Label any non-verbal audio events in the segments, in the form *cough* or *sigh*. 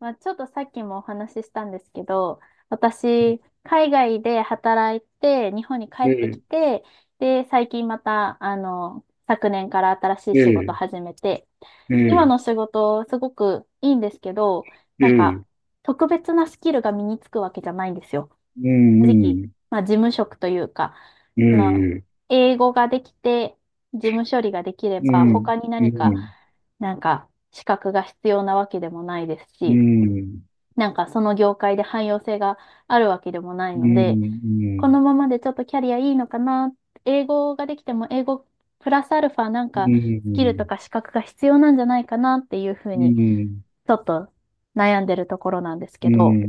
まあ、ちょっとさっきもお話ししたんですけど、私、海外で働いて、日本に帰えってきえ、て、で、最近また、昨年から新しいえ仕事え、始めて、え今え、の仕事、すごくいいんですけど、えなんか、え、特別なスキルが身につくわけじゃないんですよ。う正直、ん、まあ、事務職というか、うん、あの、ええ、英語ができて、事務処理ができれううば、ん、他ん。にう何か、ん、資格が必要なわけでもないですうし、ん、うその業界で汎用性があるわけでもないので、ん、このままでちょっとキャリアいいのかな、英語ができても英語プラスアルファなんうん、かうスん、うキルとん、か資格が必要なんじゃないかなっていうふううにん、ちょっと悩んでるところなんですけど、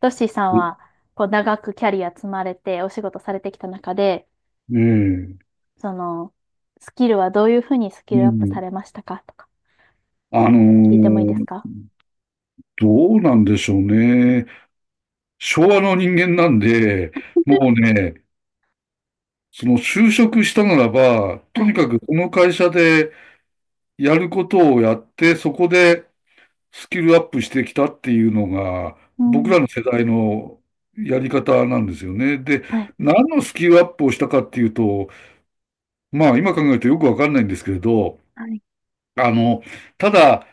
トッシーさんええ、はこう長くキャリア積まれてお仕事されてきた中で、そのスキルはどういうふうにスキうルアップさん。れましたかとかあの聞いてもいいですーか？どうなんでしょうね。昭和の人間なんで、もうね、その就職したならば、はとにい。かくこの会社でやることをやって、そこでスキルアップしてきたっていうのが、う僕ん。らの世代のやり方なんですよね。で、はい。何のスキルアップをしたかっていうと、まあ今考えるとよくわかんないんですけれど、はい。あの、ただ、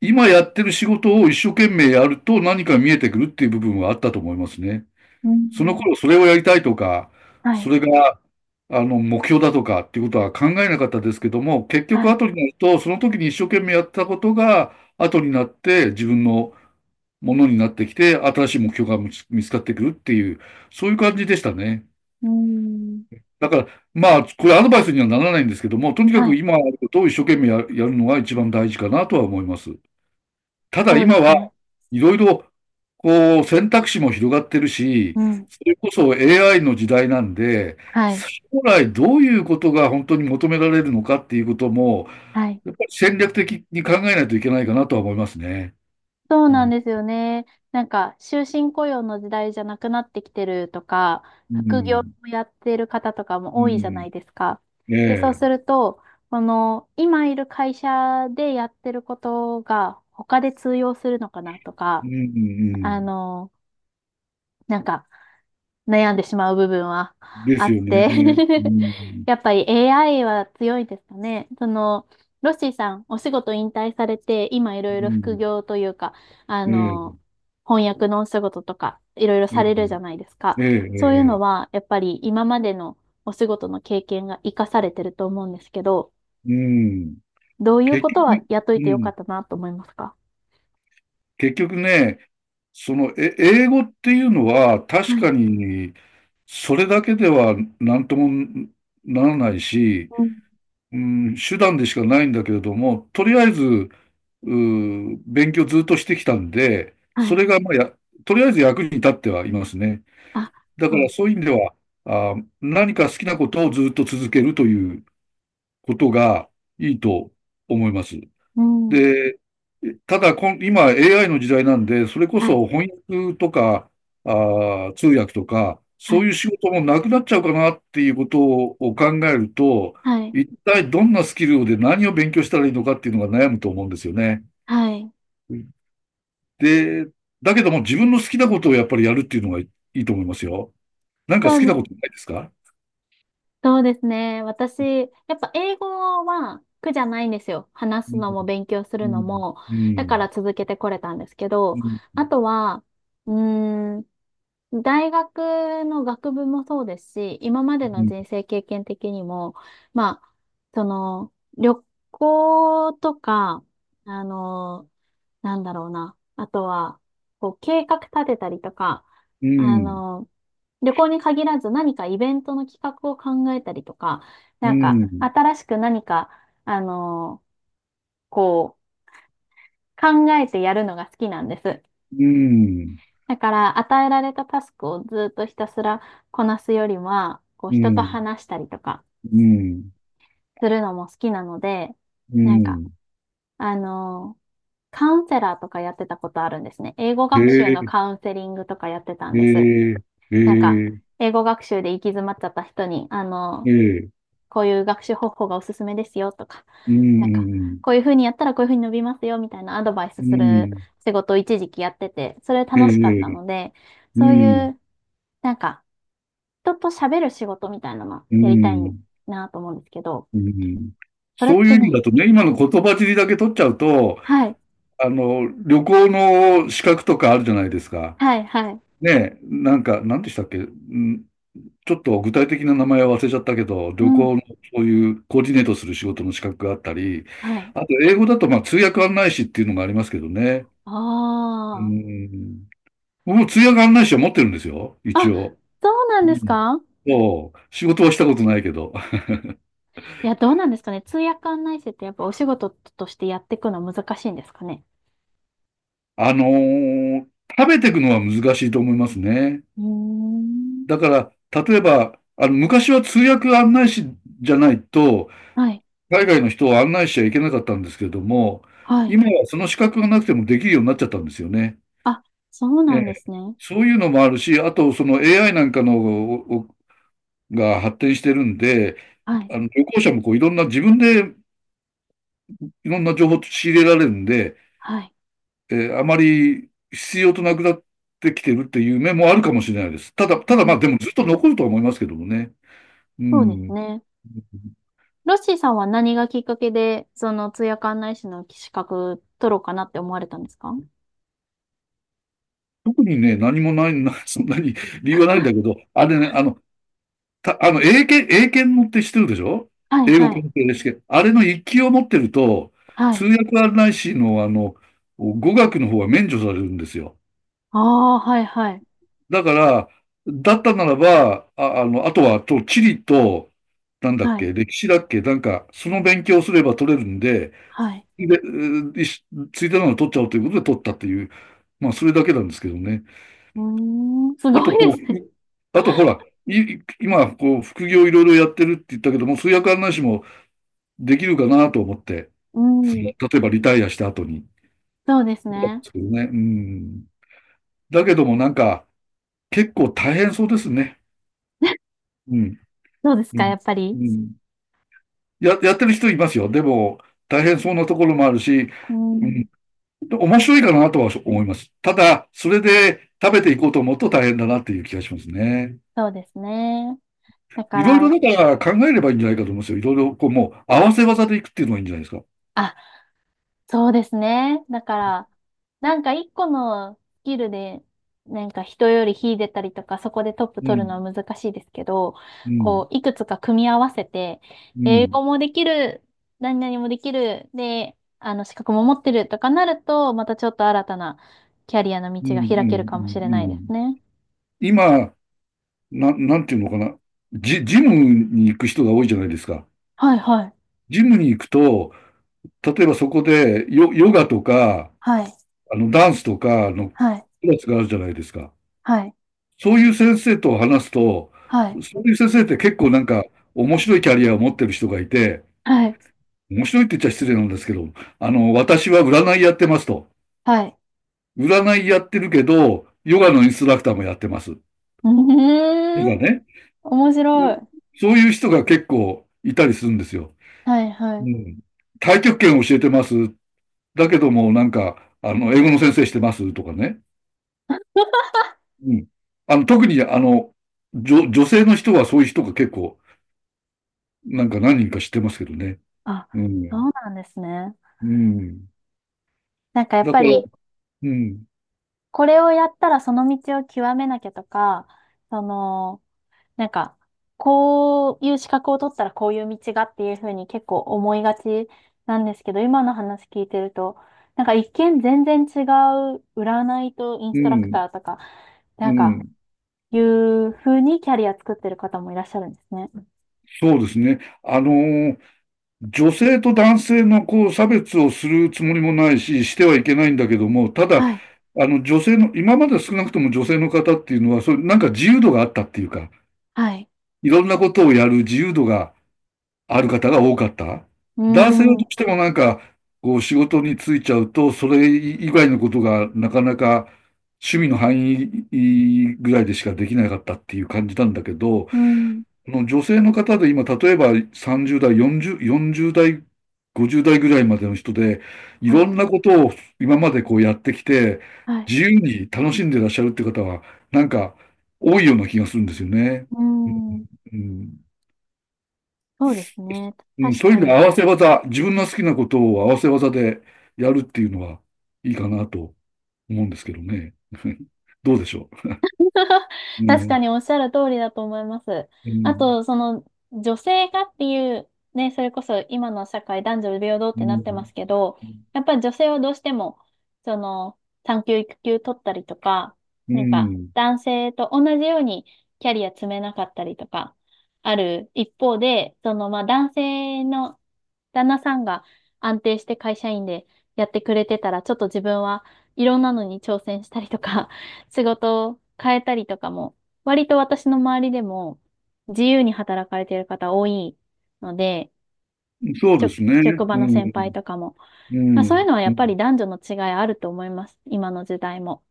今やってる仕事を一生懸命やると何か見えてくるっていう部分はあったと思いますね。うそのん。頃それをやりたいとか、はそい。れが、目標だとかっていうことは考えなかったですけども、結は局い。後になると、その時に一生懸命やったことが後になって自分のものになってきて、新しい目標が見つかってくるっていう、そういう感じでしたね。うーん。だから、まあ、これアドバイスにはならないんですけども、とにかはくい。今あることを一生懸命ややるのが一番大事かなとは思います。ただそうで今すはね。いろいろ、こう、選択肢も広がってるし、うん。それこそ AI の時代なんで、はい。将来どういうことが本当に求められるのかっていうことも、はい。やっぱり戦略的に考えないといけないかなとは思いますね。そううなんん。ですよね。終身雇用の時代じゃなくなってきてるとか、う副業ん。をやってる方とかもう多いじゃなん。いですか。えで、そうすえ。ると、この、今いる会社でやってることが、他で通用するのかなとうか、んうあん。の、なんか、悩んでしまう部分はであすっよて ね。う *laughs* ん、やっぱり AI は強いですかね。ロッシーさん、お仕事引退されて、今いろいうろ副ん。業というか、あえの、え、翻訳のお仕事とか、いろいろえさえ、れるじゃないですか。ええ、そういうのええは、やっぱり今までのお仕事の経験が活かされてると思うんですけど、うん。どういう結ことは局、雇ういてよかん。ったなと思いますか？結局ね、英語っていうのは確はかい。に、それだけでは何ともならないし、うん。うん、手段でしかないんだけれども、とりあえず、勉強ずっとしてきたんで、はそい。れがまあとりあえず役に立ってはいますね。あ、だかそうらね。そういう意味では、何か好きなことをずっと続けるということがいいと思います。うん。で、ただ今 AI の時代なんで、それこはい。そ翻訳とか、あ通訳とか、はそういい。う仕事もなくなっちゃうかなっていうことを考えると、はい。一体どんなスキルで何を勉強したらいいのかっていうのが悩むと思うんですよね。はい。で、だけども自分の好きなことをやっぱりやるっていうのがいいと思いますよ。なんかそ好うきなでことす。ないですか？そうですね。私、やっぱ英語は苦じゃないんですよ。話すのも勉強すうるのん、も。うだからん、続けてこれたんですけうど、ん、あとは、うーん大学の学部もそうですし、今まうでのん、人生経験的にも、まあ、旅行とか、あの、なんだろうな。あとは、こう、計画立てたりとか、うあん、の、旅行に限らず何かイベントの企画を考えたりとか、うん、新しく何か、あの、こう、考えてやるのが好きなんです。うん、だから、与えられたタスクをずっとひたすらこなすよりは、こう、う人と話したりとかん、するのも好きなので、うなんか、ん、あのーカウンセラーとかやってたことあるんですね。英語へ学習のえ、カウンセリングとかやってたんです。へえ、なんか、へえ、英語学習で行き詰まっちゃった人に、へえ、こういう学習方法がおすすめですよとか、うなんか、ん、こういうふうにやったらこういうふうに伸びますよみたいなアドバイスうするん、仕事を一時期やってて、それえ楽しかったえ、ので、うそういん、う、なんか、人と喋る仕事みたいなのうやりたいん、なと思うんですけど、うん。それっそういてう意味ね、だとね、今の言葉尻だけ取っちゃうと、はい、旅行の資格とかあるじゃないですか。はい、はい、ねえ、なんか、なんでしたっけ、ちょっと具体的な名前は忘れちゃったけど、う旅ん、行のそういうコーディネートする仕事の資格があったり、はい。あと英語だとまあ通訳案内士っていうのがありますけどね。うあん。僕も通訳案内士は持ってるんですよ、あ、一あ、応。そうなんうですん。か？そう、仕事はしたことないけど。いや、どうなんですかね。通訳案内士ってやっぱお仕事としてやっていくの難しいんですかね。あのー食べていくのは難しいと思いますね。うーん。だから、例えば、昔は通訳案内士じゃないと、はい、海外の人を案内しちゃいけなかったんですけれども、はい。今はその資格がなくてもできるようになっちゃったんですよね。あ、そうえなえ、んですね。そういうのもあるし、あとその AI なんかのおが発展してるんで、はい、あの旅行者もこういろんな自分でいろんな情報を仕入れられるんで、はい。あまり必要となくなってきてるっていう面もあるかもしれないです。ただ、うまん、あでもずっと残るとは思いますけどもね。うそうですん。ね。ロッシーさんは何がきっかけで、その通訳案内士の資格取ろうかなって思われたんですか？特にね、何もない、*laughs* そんなに理由はないんだけど、あれね、あの、た、あの、英検、英検のって知ってるでしょ？はい、英語はい、検定で試験。あれの一級を持ってると、は通い。訳案内士の、語学の方は免除されるんですよ。ああ、はいはい。だから、だったならば、あとは、地理と、なんだっはい。け、歴史だっけ、なんか、その勉強をすれば取れるんで、はい。で、ういしついてなのを取っちゃおうということで取ったっていう、まあ、それだけなんですけどね。うーん、すあごと、いこう、ですね。ほら、い今、こう、副業いろいろやってるって言ったけども、通訳案内士もできるかなと思って、うん。例えばリタイアした後に。そうですでね。すけどね。うん。だけどもなんか、結構大変そうですね。*laughs* うん。どうですうか、ん。やっぱうり。ん。やってる人いますよ。でも、大変そうなところもあるし、ううん。ん、面白いかなとは思います。ただ、それで食べていこうと思うと大変だなっていう気がしますね。そうですね。だかいろいろら、だから考えればいいんじゃないかと思いますよ。いろいろこうもう合わせ技でいくっていうのがいいんじゃないですか。あ、そうですね。だから、一個のスキルで、人より秀でたりとか、そこでトップう取るのん、は難しいですけど、うん、こう、いくつか組み合わせて、う英ん、語もできる、何々もできる、で、資格も持ってるとかなると、またちょっと新たなキャリアのうん、道うが開けるん、かもしれうないん。うですんね。今、なんていうのかな。ジムに行く人が多いじゃないですか。はいはい。ジムに行くと、例えばそこでヨガとか、はい。ダンスとかのはい。クラスがあるじゃないですか。はい。そういう先生と話すと、はい。そういう先生って結構なんか面白いキャリアを持ってる人がいて、はい。面白いって言っちゃ失礼なんですけど、私は占いやってますと。はい。占いやってるけど、ヨガのインストラクターもやってます。と *laughs* うかーん。ね。面白い。そういう人が結構いたりするんですよ。はいはうい。ん。太極拳教えてます。だけども、なんか、英語の先生してますとかね。うん。特に、女性の人はそういう人が結構、なんか何人か知ってますけどね。あ、うそん。うなんですね。うん。やっだぱから、り、うん。これをやったらその道を極めなきゃとか、その、なんか、こういう資格を取ったらこういう道がっていうふうに結構思いがちなんですけど、今の話聞いてると、一見全然違う占いとインうストラクん。ターとか、うなんか、ん。いうふうにキャリア作ってる方もいらっしゃるんですね。そうですね。女性と男性のこう差別をするつもりもないし、してはいけないんだけども、ただ、はい、女性の、今まで少なくとも女性の方っていうのは、そういうなんか自由度があったっていうか、はい、いろんなことをやる自由度がある方が多かったうー男性はん、どううしてもなんか、こう仕事に就いちゃうと、それ以外のことがなかなか趣味の範囲ぐらいでしかできなかったっていう感じなんだけど、ん、この女性の方で今、例えば30代、40代、50代ぐらいまでの人で、いはろい、んなことを今までこうやってきて、はい。自由に楽しんでらっしゃるって方は、なんか多いような気がするんですよね。うーん、うんそうですね。うん、確そういうか意味でに。合わせ技、自分の好きなことを合わせ技でやるっていうのはいいかなと思うんですけどね。*laughs* どうでしょ *laughs* う。う確かん、におっしゃる通りだと思います。うあん、と、女性がっていう、ね、それこそ今の社会男女平等っうてなってまん、すけど、やっぱり女性はどうしても、その、産休育休取ったりとか、うん、男性と同じようにキャリア積めなかったりとか、ある一方で、まあ、男性の旦那さんが安定して会社員でやってくれてたら、ちょっと自分はいろんなのに挑戦したりとか、*laughs* 仕事を変えたりとかも、割と私の周りでも自由に働かれてる方多いので、そうですね。職場うの先輩ん、とかも。うまあ、そういうん、のはやうっぱんり男女の違いあると思います。今の時代も。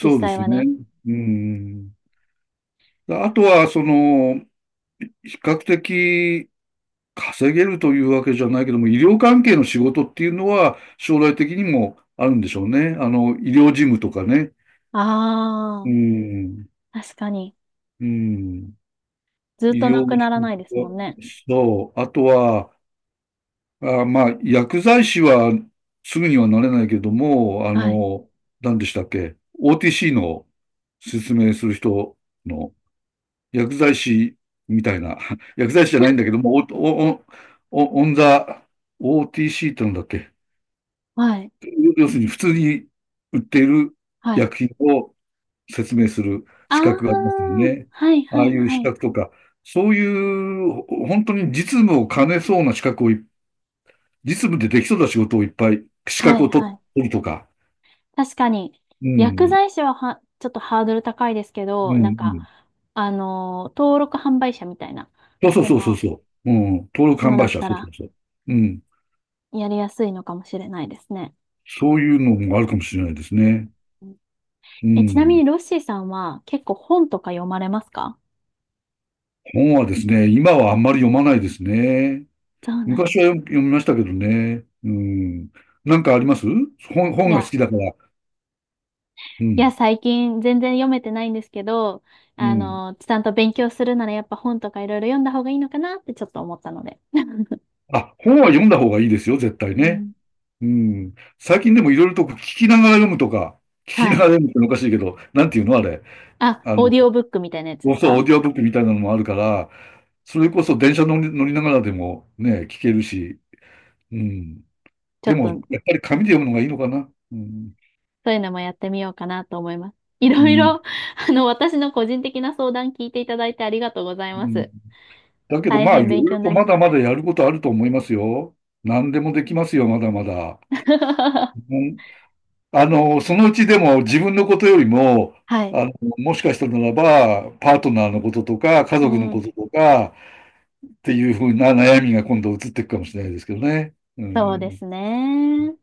実うで際すはね。ね。うん。あとは、その、比較的稼げるというわけじゃないけども、医療関係の仕事っていうのは将来的にもあるんでしょうね。医療事務とかね。あうん。あ、確かに。うん。ずっ医とな療く従ならな事いですも者んね。そう。あとは、まあ、薬剤師はすぐにはなれないけども、はい。何でしたっけ？ OTC の説明する人の薬剤師みたいな、*laughs* 薬剤師じゃないんだけども、お、お、お、オンザ、OTC ってなんだっけ？はい。要するに普通に売っているはい。薬品を説明するあ資あ、格がありますよね。はいあはあいいうは資い格とか、そういうほ本当に実務を兼ねそうな資格を実務でできそうな仕事をいっぱい、資は格いを取はい。取るとか。確かに、う薬ん、剤師は、ちょっとハードル高いですけうど、ん、うん。登録販売者みたいな、そうそうそそうそうの、そう。うん、登録の販だ売っ者、たそうそら、うそう。うん、やりやすいのかもしれないですね。そういうのもあるかもしれないですね。うん、うえ、ちなみん。にロッシーさんは結構本とか読まれますか？本はですね、今はあんまり読まないですね。そうなんで昔はす。読読みましたけどね。うん。なんかあります？い本が好や、きだから。ういや、ん。最近全然読めてないんですけど、うん。ちゃんと勉強するならやっぱ本とかいろいろ読んだ方がいいのかなってちょっと思ったので。*laughs* あ、本は読んだ方がいいですよ、絶対うね。ん。うん。最近でもいろいろと聞きながら読むとか、*laughs* 聞きはながい。ら読むっておかしいけど、なんていうのあれ。あ、あオーの、ディオブックみたいなやつですそう、オか？ーディオブックみたいなのもあるから、それこそ電車乗りながらでもね、聞けるし、うん。ちょでっも、とやっぱり紙で読むのがいいのかな。うん。そういうのもやってみようかなと思います。いうろいん。ろ、私の個人的な相談聞いていただいてありがとうございうまん、す。だけど、大まあ、変いろ勉い強ろにとなりままだす。まだやることあると思いますよ。何でもできますよ、まだまだ。う *laughs* んそのうちでも自分のことよりも、はい。あの、もしかしたならば、パートナーのこととか、家 *laughs* う族のこん。ととか、っていうふうな悩みが今度移っていくかもしれないですけどね。うそうですんね。